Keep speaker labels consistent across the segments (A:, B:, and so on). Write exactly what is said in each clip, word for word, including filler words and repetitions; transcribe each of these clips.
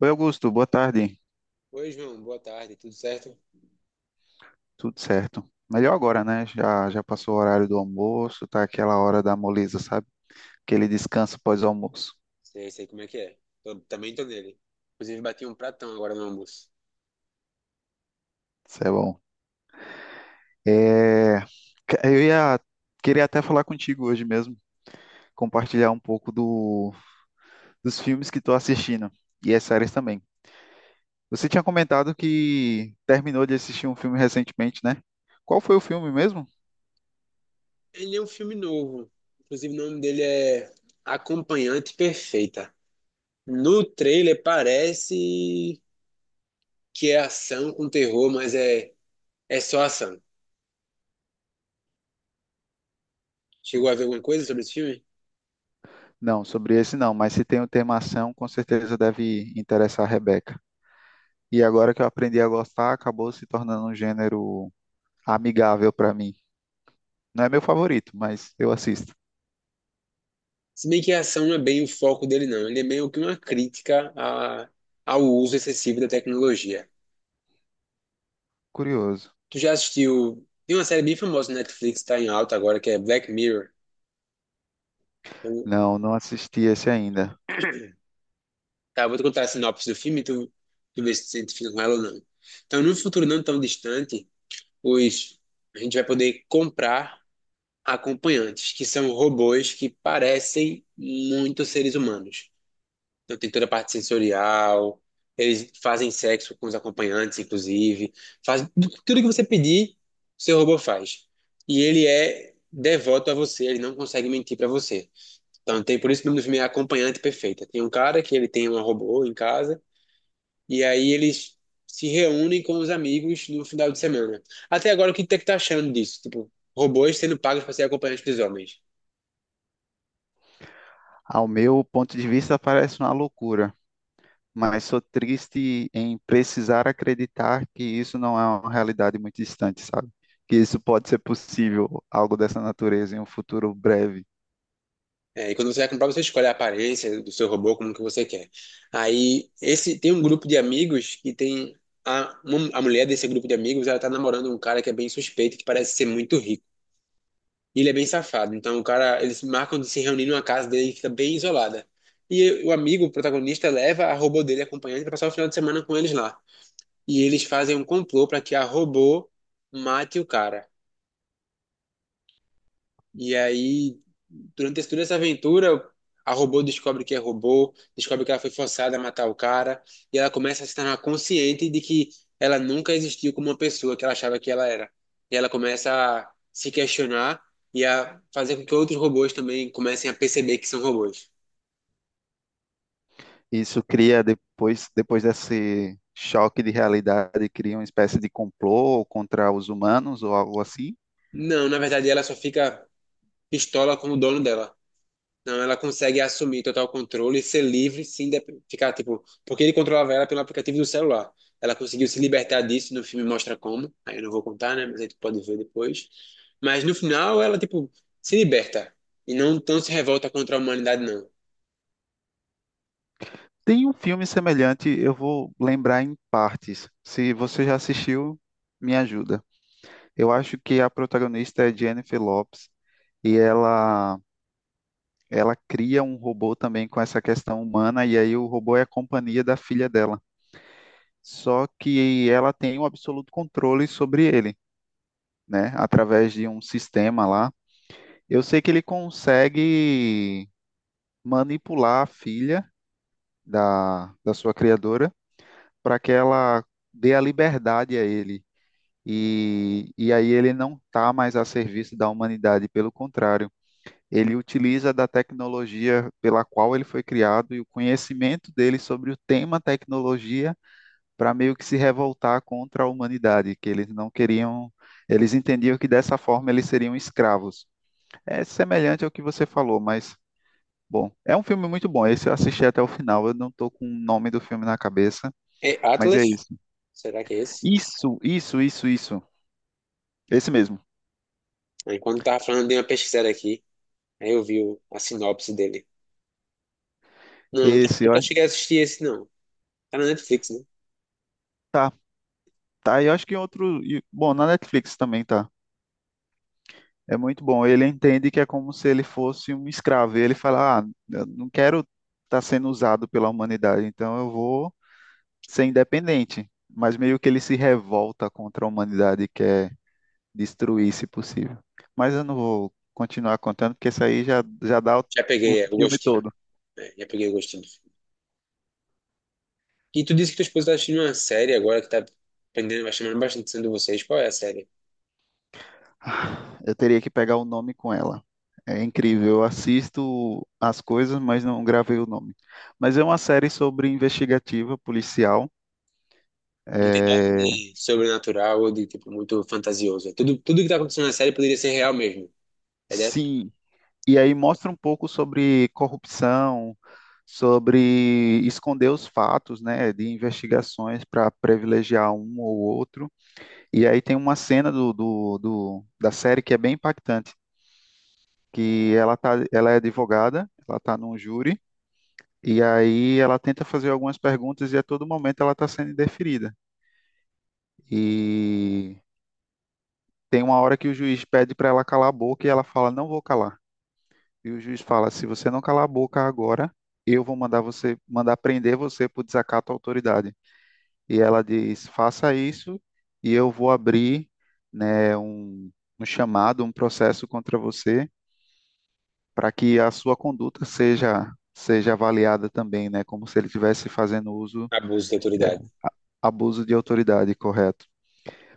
A: Oi, Augusto, boa tarde.
B: Oi, João, boa tarde, tudo certo?
A: Tudo certo? Melhor agora, né? Já, já passou o horário do almoço, tá aquela hora da moleza, sabe? Aquele descanso pós-almoço.
B: Sei, sei como é que é. Tô- também tô nele. Inclusive, bati um pratão agora no almoço.
A: Isso é bom. É, que- eu ia queria até falar contigo hoje mesmo, compartilhar um pouco do, dos filmes que estou assistindo e as séries também. Você tinha comentado que terminou de assistir um filme recentemente, né? Qual foi o filme mesmo?
B: Ele é um filme novo. Inclusive, o nome dele é Acompanhante Perfeita. No trailer parece que é ação com terror, mas é, é só ação. Chegou a ver alguma coisa sobre esse filme?
A: Não, sobre esse não, mas se tem o tema ação, com certeza deve interessar a Rebeca. E agora que eu aprendi a gostar, acabou se tornando um gênero amigável para mim. Não é meu favorito, mas eu assisto.
B: Se bem que a ação não é bem o foco dele, não. Ele é meio que uma crítica a- ao uso excessivo da tecnologia.
A: Curioso.
B: Tu já assistiu? Tem uma série bem famosa na Netflix, tá em alta agora, que é Black Mirror. Eu,
A: Não, não assisti esse ainda.
B: tá, eu vou te contar a sinopse do filme e tu, tu vê se tu se identifica com ela ou não. Então, num futuro não tão distante, os, a gente vai poder comprar acompanhantes, que são robôs que parecem muito seres humanos. Então, tem toda a parte sensorial, eles fazem sexo com os acompanhantes, inclusive. Faz, tudo que você pedir, o seu robô faz. E ele é devoto a você, ele não consegue mentir para você. Então, tem, por isso que o nome do filme é Acompanhante Perfeita. Tem um cara que ele tem um robô em casa. E aí eles se reúnem com os amigos no final de semana. Até agora, o que você tá achando disso? Tipo, robôs sendo pagos para ser acompanhantes dos homens.
A: Ao meu ponto de vista, parece uma loucura, mas sou triste em precisar acreditar que isso não é uma realidade muito distante, sabe? Que isso pode ser possível, algo dessa natureza, em um futuro breve.
B: É, e quando você vai comprar, você escolhe a aparência do seu robô, como que você quer. Aí, esse tem um grupo de amigos que tem... A, uma- a mulher desse grupo de amigos, ela tá namorando um cara que é bem suspeito, que parece ser muito rico. E ele é bem safado. Então, o cara... Eles marcam de se reunir numa casa dele que fica bem isolada. E o amigo, o protagonista, leva a robô dele acompanhante para passar o final de semana com eles lá. E eles fazem um complô para que a robô mate o cara. E aí, durante esse- toda essa aventura, a robô descobre que é robô, descobre que ela foi forçada a matar o cara, e ela começa a se tornar consciente de que ela nunca existiu como uma pessoa que ela achava que ela era. E ela começa a se questionar e a fazer com que outros robôs também comecem a perceber que são robôs.
A: Isso cria depois, depois desse choque de realidade, cria uma espécie de complô contra os humanos ou algo assim.
B: Não, na verdade, ela só fica pistola com o dono dela. Não, ela consegue assumir total controle e ser livre, sim, ficar tipo, porque ele controlava ela pelo aplicativo do celular. Ela conseguiu se libertar disso, no filme mostra como. Aí eu não vou contar, né? Mas aí tu pode ver depois. Mas no final ela tipo se liberta e não tão se revolta contra a humanidade não.
A: Tem um filme semelhante, eu vou lembrar em partes. Se você já assistiu, me ajuda. Eu acho que a protagonista é Jennifer Lopez e ela ela cria um robô também com essa questão humana, e aí o robô é a companhia da filha dela. Só que ela tem o absoluto controle sobre ele, né? Através de um sistema lá. Eu sei que ele consegue manipular a filha da, da sua criadora para que ela dê a liberdade a ele e, e aí ele não está mais a serviço da humanidade, pelo contrário, ele utiliza da tecnologia pela qual ele foi criado e o conhecimento dele sobre o tema tecnologia para meio que se revoltar contra a humanidade, que eles não queriam, eles entendiam que dessa forma eles seriam escravos. É semelhante ao que você falou, mas. Bom, é um filme muito bom. Esse eu assisti até o final. Eu não tô com o nome do filme na cabeça,
B: É
A: mas é
B: Atlas?
A: isso.
B: Será que é esse?
A: Isso, isso, isso, isso. Esse mesmo.
B: Aí quando tava falando de uma pesquisada aqui, aí eu vi o- a sinopse dele. Não, nunca
A: Esse, eu
B: nunca cheguei a assistir esse não. Tá na Netflix, né?
A: Tá, e eu acho que em outro. e- Bom, na Netflix também tá. É muito bom. Ele entende que é como se ele fosse um escravo. E ele fala: "Ah, eu não quero estar sendo usado pela humanidade, então eu vou ser independente." Mas meio que ele se revolta contra a humanidade e quer destruir, se possível. Mas eu não vou continuar contando, porque isso aí já, já dá o,
B: Já
A: o
B: peguei é, o
A: filme
B: gostinho.
A: todo.
B: É, já peguei o gostinho. E tu disse que tua esposa tá assistindo uma série agora que tá aprendendo vai chamando bastante atenção de vocês. Qual é a série?
A: Eu teria que pegar o nome com ela. É incrível, eu assisto as coisas, mas não gravei o nome. Mas é uma série sobre investigativa policial.
B: Não tem nada
A: É,
B: de sobrenatural ou de tipo muito fantasioso. É Tudo, tudo que tá acontecendo na série poderia ser real mesmo. É de
A: sim, e aí mostra um pouco sobre corrupção, sobre esconder os fatos, né, de investigações para privilegiar um ou outro. E aí tem uma cena do, do, do- da série que é bem impactante, que ela tá, ela é advogada, ela está num júri. E aí ela tenta fazer algumas perguntas e a todo momento ela está sendo indeferida. E tem uma hora que o juiz pede para ela calar a boca e ela fala: "Não vou calar." E o juiz fala: "Se você não calar a boca agora, eu vou mandar você mandar prender você por desacato à autoridade." E ela diz: "Faça isso e eu vou abrir, né, um, um chamado, um processo contra você para que a sua conduta seja seja avaliada também, né, como se ele estivesse fazendo uso
B: abuso de autoridade.
A: abuso de autoridade, correto?"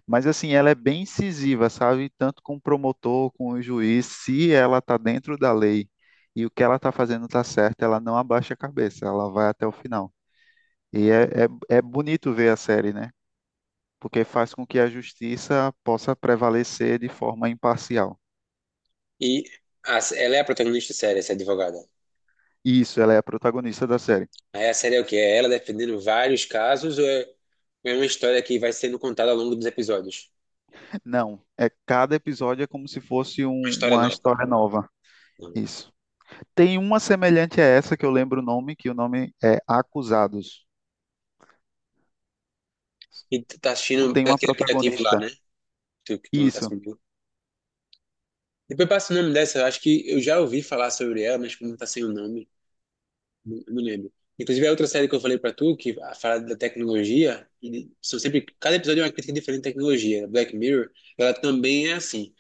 A: Mas assim, ela é bem incisiva, sabe? Tanto com o promotor, com o juiz, se ela está dentro da lei e o que ela está fazendo está certo, ela não abaixa a cabeça, ela vai até o final. E é, é, é bonito ver a série, né? Porque faz com que a justiça possa prevalecer de forma imparcial.
B: E a- ela é a protagonista da série, essa advogada.
A: Isso, ela é a protagonista da série.
B: Aí a série é o quê? É ela defendendo vários casos ou é, ou é uma história que vai sendo contada ao longo dos episódios?
A: Não, é cada episódio é como se fosse
B: Uma
A: um-
B: história
A: uma
B: nova.
A: história nova. Isso. Tem uma semelhante a essa que eu lembro o nome, que o nome é Acusados.
B: E tu tá
A: Não
B: assistindo
A: tem
B: pelo
A: uma
B: aquele aplicativo lá,
A: protagonista.
B: né? Tu, que tu me tá
A: Isso.
B: Depois passa o nome dessa, eu acho que eu já ouvi falar sobre ela, mas como tá sem o nome, não, não lembro. Inclusive, a outra série que eu falei pra tu, que a- fala da tecnologia, e são sempre, cada episódio é uma crítica diferente à tecnologia. Black Mirror, ela também é assim.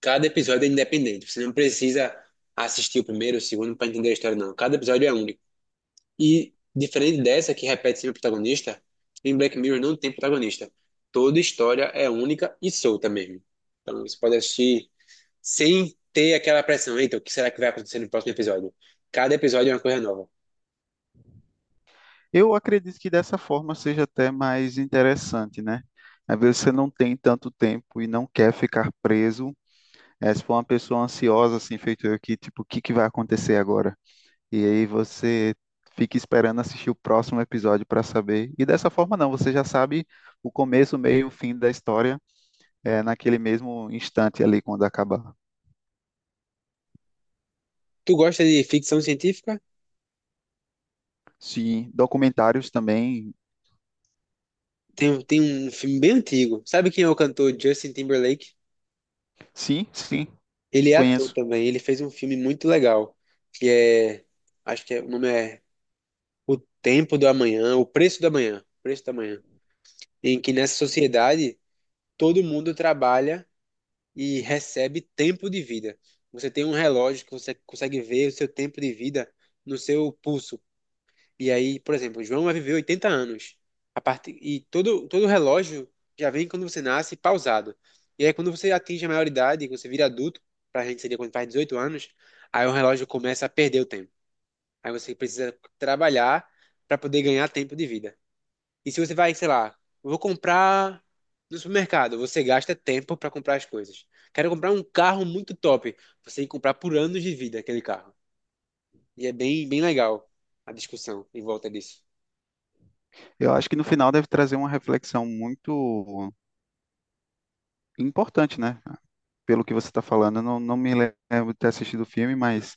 B: Cada episódio é independente. Você não precisa assistir o primeiro, o segundo pra entender a história, não. Cada episódio é único. E diferente dessa, que repete sempre o protagonista, em Black Mirror não tem protagonista. Toda história é única e solta mesmo. Então, você pode assistir sem ter aquela pressão. Então, o que será que vai acontecer no próximo episódio? Cada episódio é uma coisa nova.
A: Eu acredito que dessa forma seja até mais interessante, né? Às vezes você não tem tanto tempo e não quer ficar preso. É, se for uma pessoa ansiosa, assim, feito eu aqui, tipo, o que que vai acontecer agora? E aí você fica esperando assistir o próximo episódio para saber. E dessa forma não, você já sabe o começo, o meio, o fim da história, é, naquele mesmo instante ali quando acabar.
B: Tu gosta de ficção científica?
A: Sim, documentários também.
B: Tem, um- tem um filme bem antigo. Sabe quem é o cantor Justin Timberlake?
A: Sim, sim,
B: Ele é ator
A: conheço.
B: também. Ele fez um filme muito legal, que é, acho que é, o nome é O Tempo do Amanhã, O Preço do Amanhã, O Preço do Amanhã, em que nessa sociedade todo mundo trabalha e recebe tempo de vida. Você tem um relógio que você consegue ver o seu tempo de vida no seu pulso. E aí, por exemplo, o João vai viver oitenta anos. A parte, e todo, todo relógio já vem quando você nasce pausado. E aí, quando você atinge a maioridade, quando você vira adulto, pra gente seria quando faz dezoito anos, aí o relógio começa a perder o tempo. Aí você precisa trabalhar para poder ganhar tempo de vida. E se você vai, sei lá, eu vou comprar no supermercado, você gasta tempo para comprar as coisas. Quero comprar um carro muito top. Você tem que comprar por anos de vida aquele carro. E é bem, bem legal a discussão em volta disso.
A: Eu acho que no final deve trazer uma reflexão muito importante, né? Pelo que você está falando, eu não, não me lembro de ter assistido o filme, mas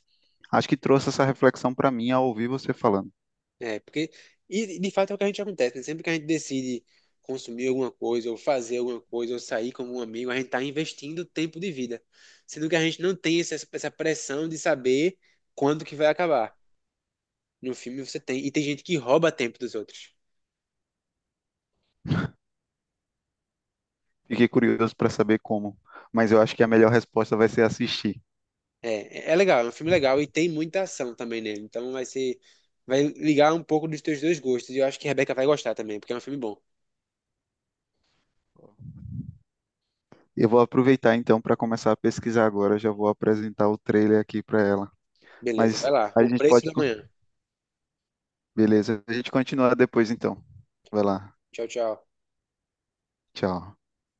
A: acho que trouxe essa reflexão para mim ao ouvir você falando.
B: É, porque, e de fato é o que a gente acontece, né? Sempre que a gente decide consumir alguma coisa, ou fazer alguma coisa, ou sair como um amigo, a gente tá investindo tempo de vida. Sendo que a gente não tem essa, essa pressão de saber quando que vai acabar. No filme você tem, e tem gente que rouba tempo dos outros.
A: Fiquei curioso para saber como, mas eu acho que a melhor resposta vai ser assistir.
B: É, é é legal, é um filme legal e tem muita ação também nele. Então vai ser, vai ligar um pouco dos teus dois gostos. E eu acho que a Rebeca vai gostar também, porque é um filme bom.
A: Eu vou aproveitar então para começar a pesquisar agora, já vou apresentar o trailer aqui para ela.
B: Beleza, vai
A: Mas
B: lá.
A: a
B: O
A: gente
B: Preço
A: pode,
B: da
A: co-
B: Manhã.
A: beleza, a gente continua depois então. Vai lá,
B: Tchau, tchau.
A: tchau.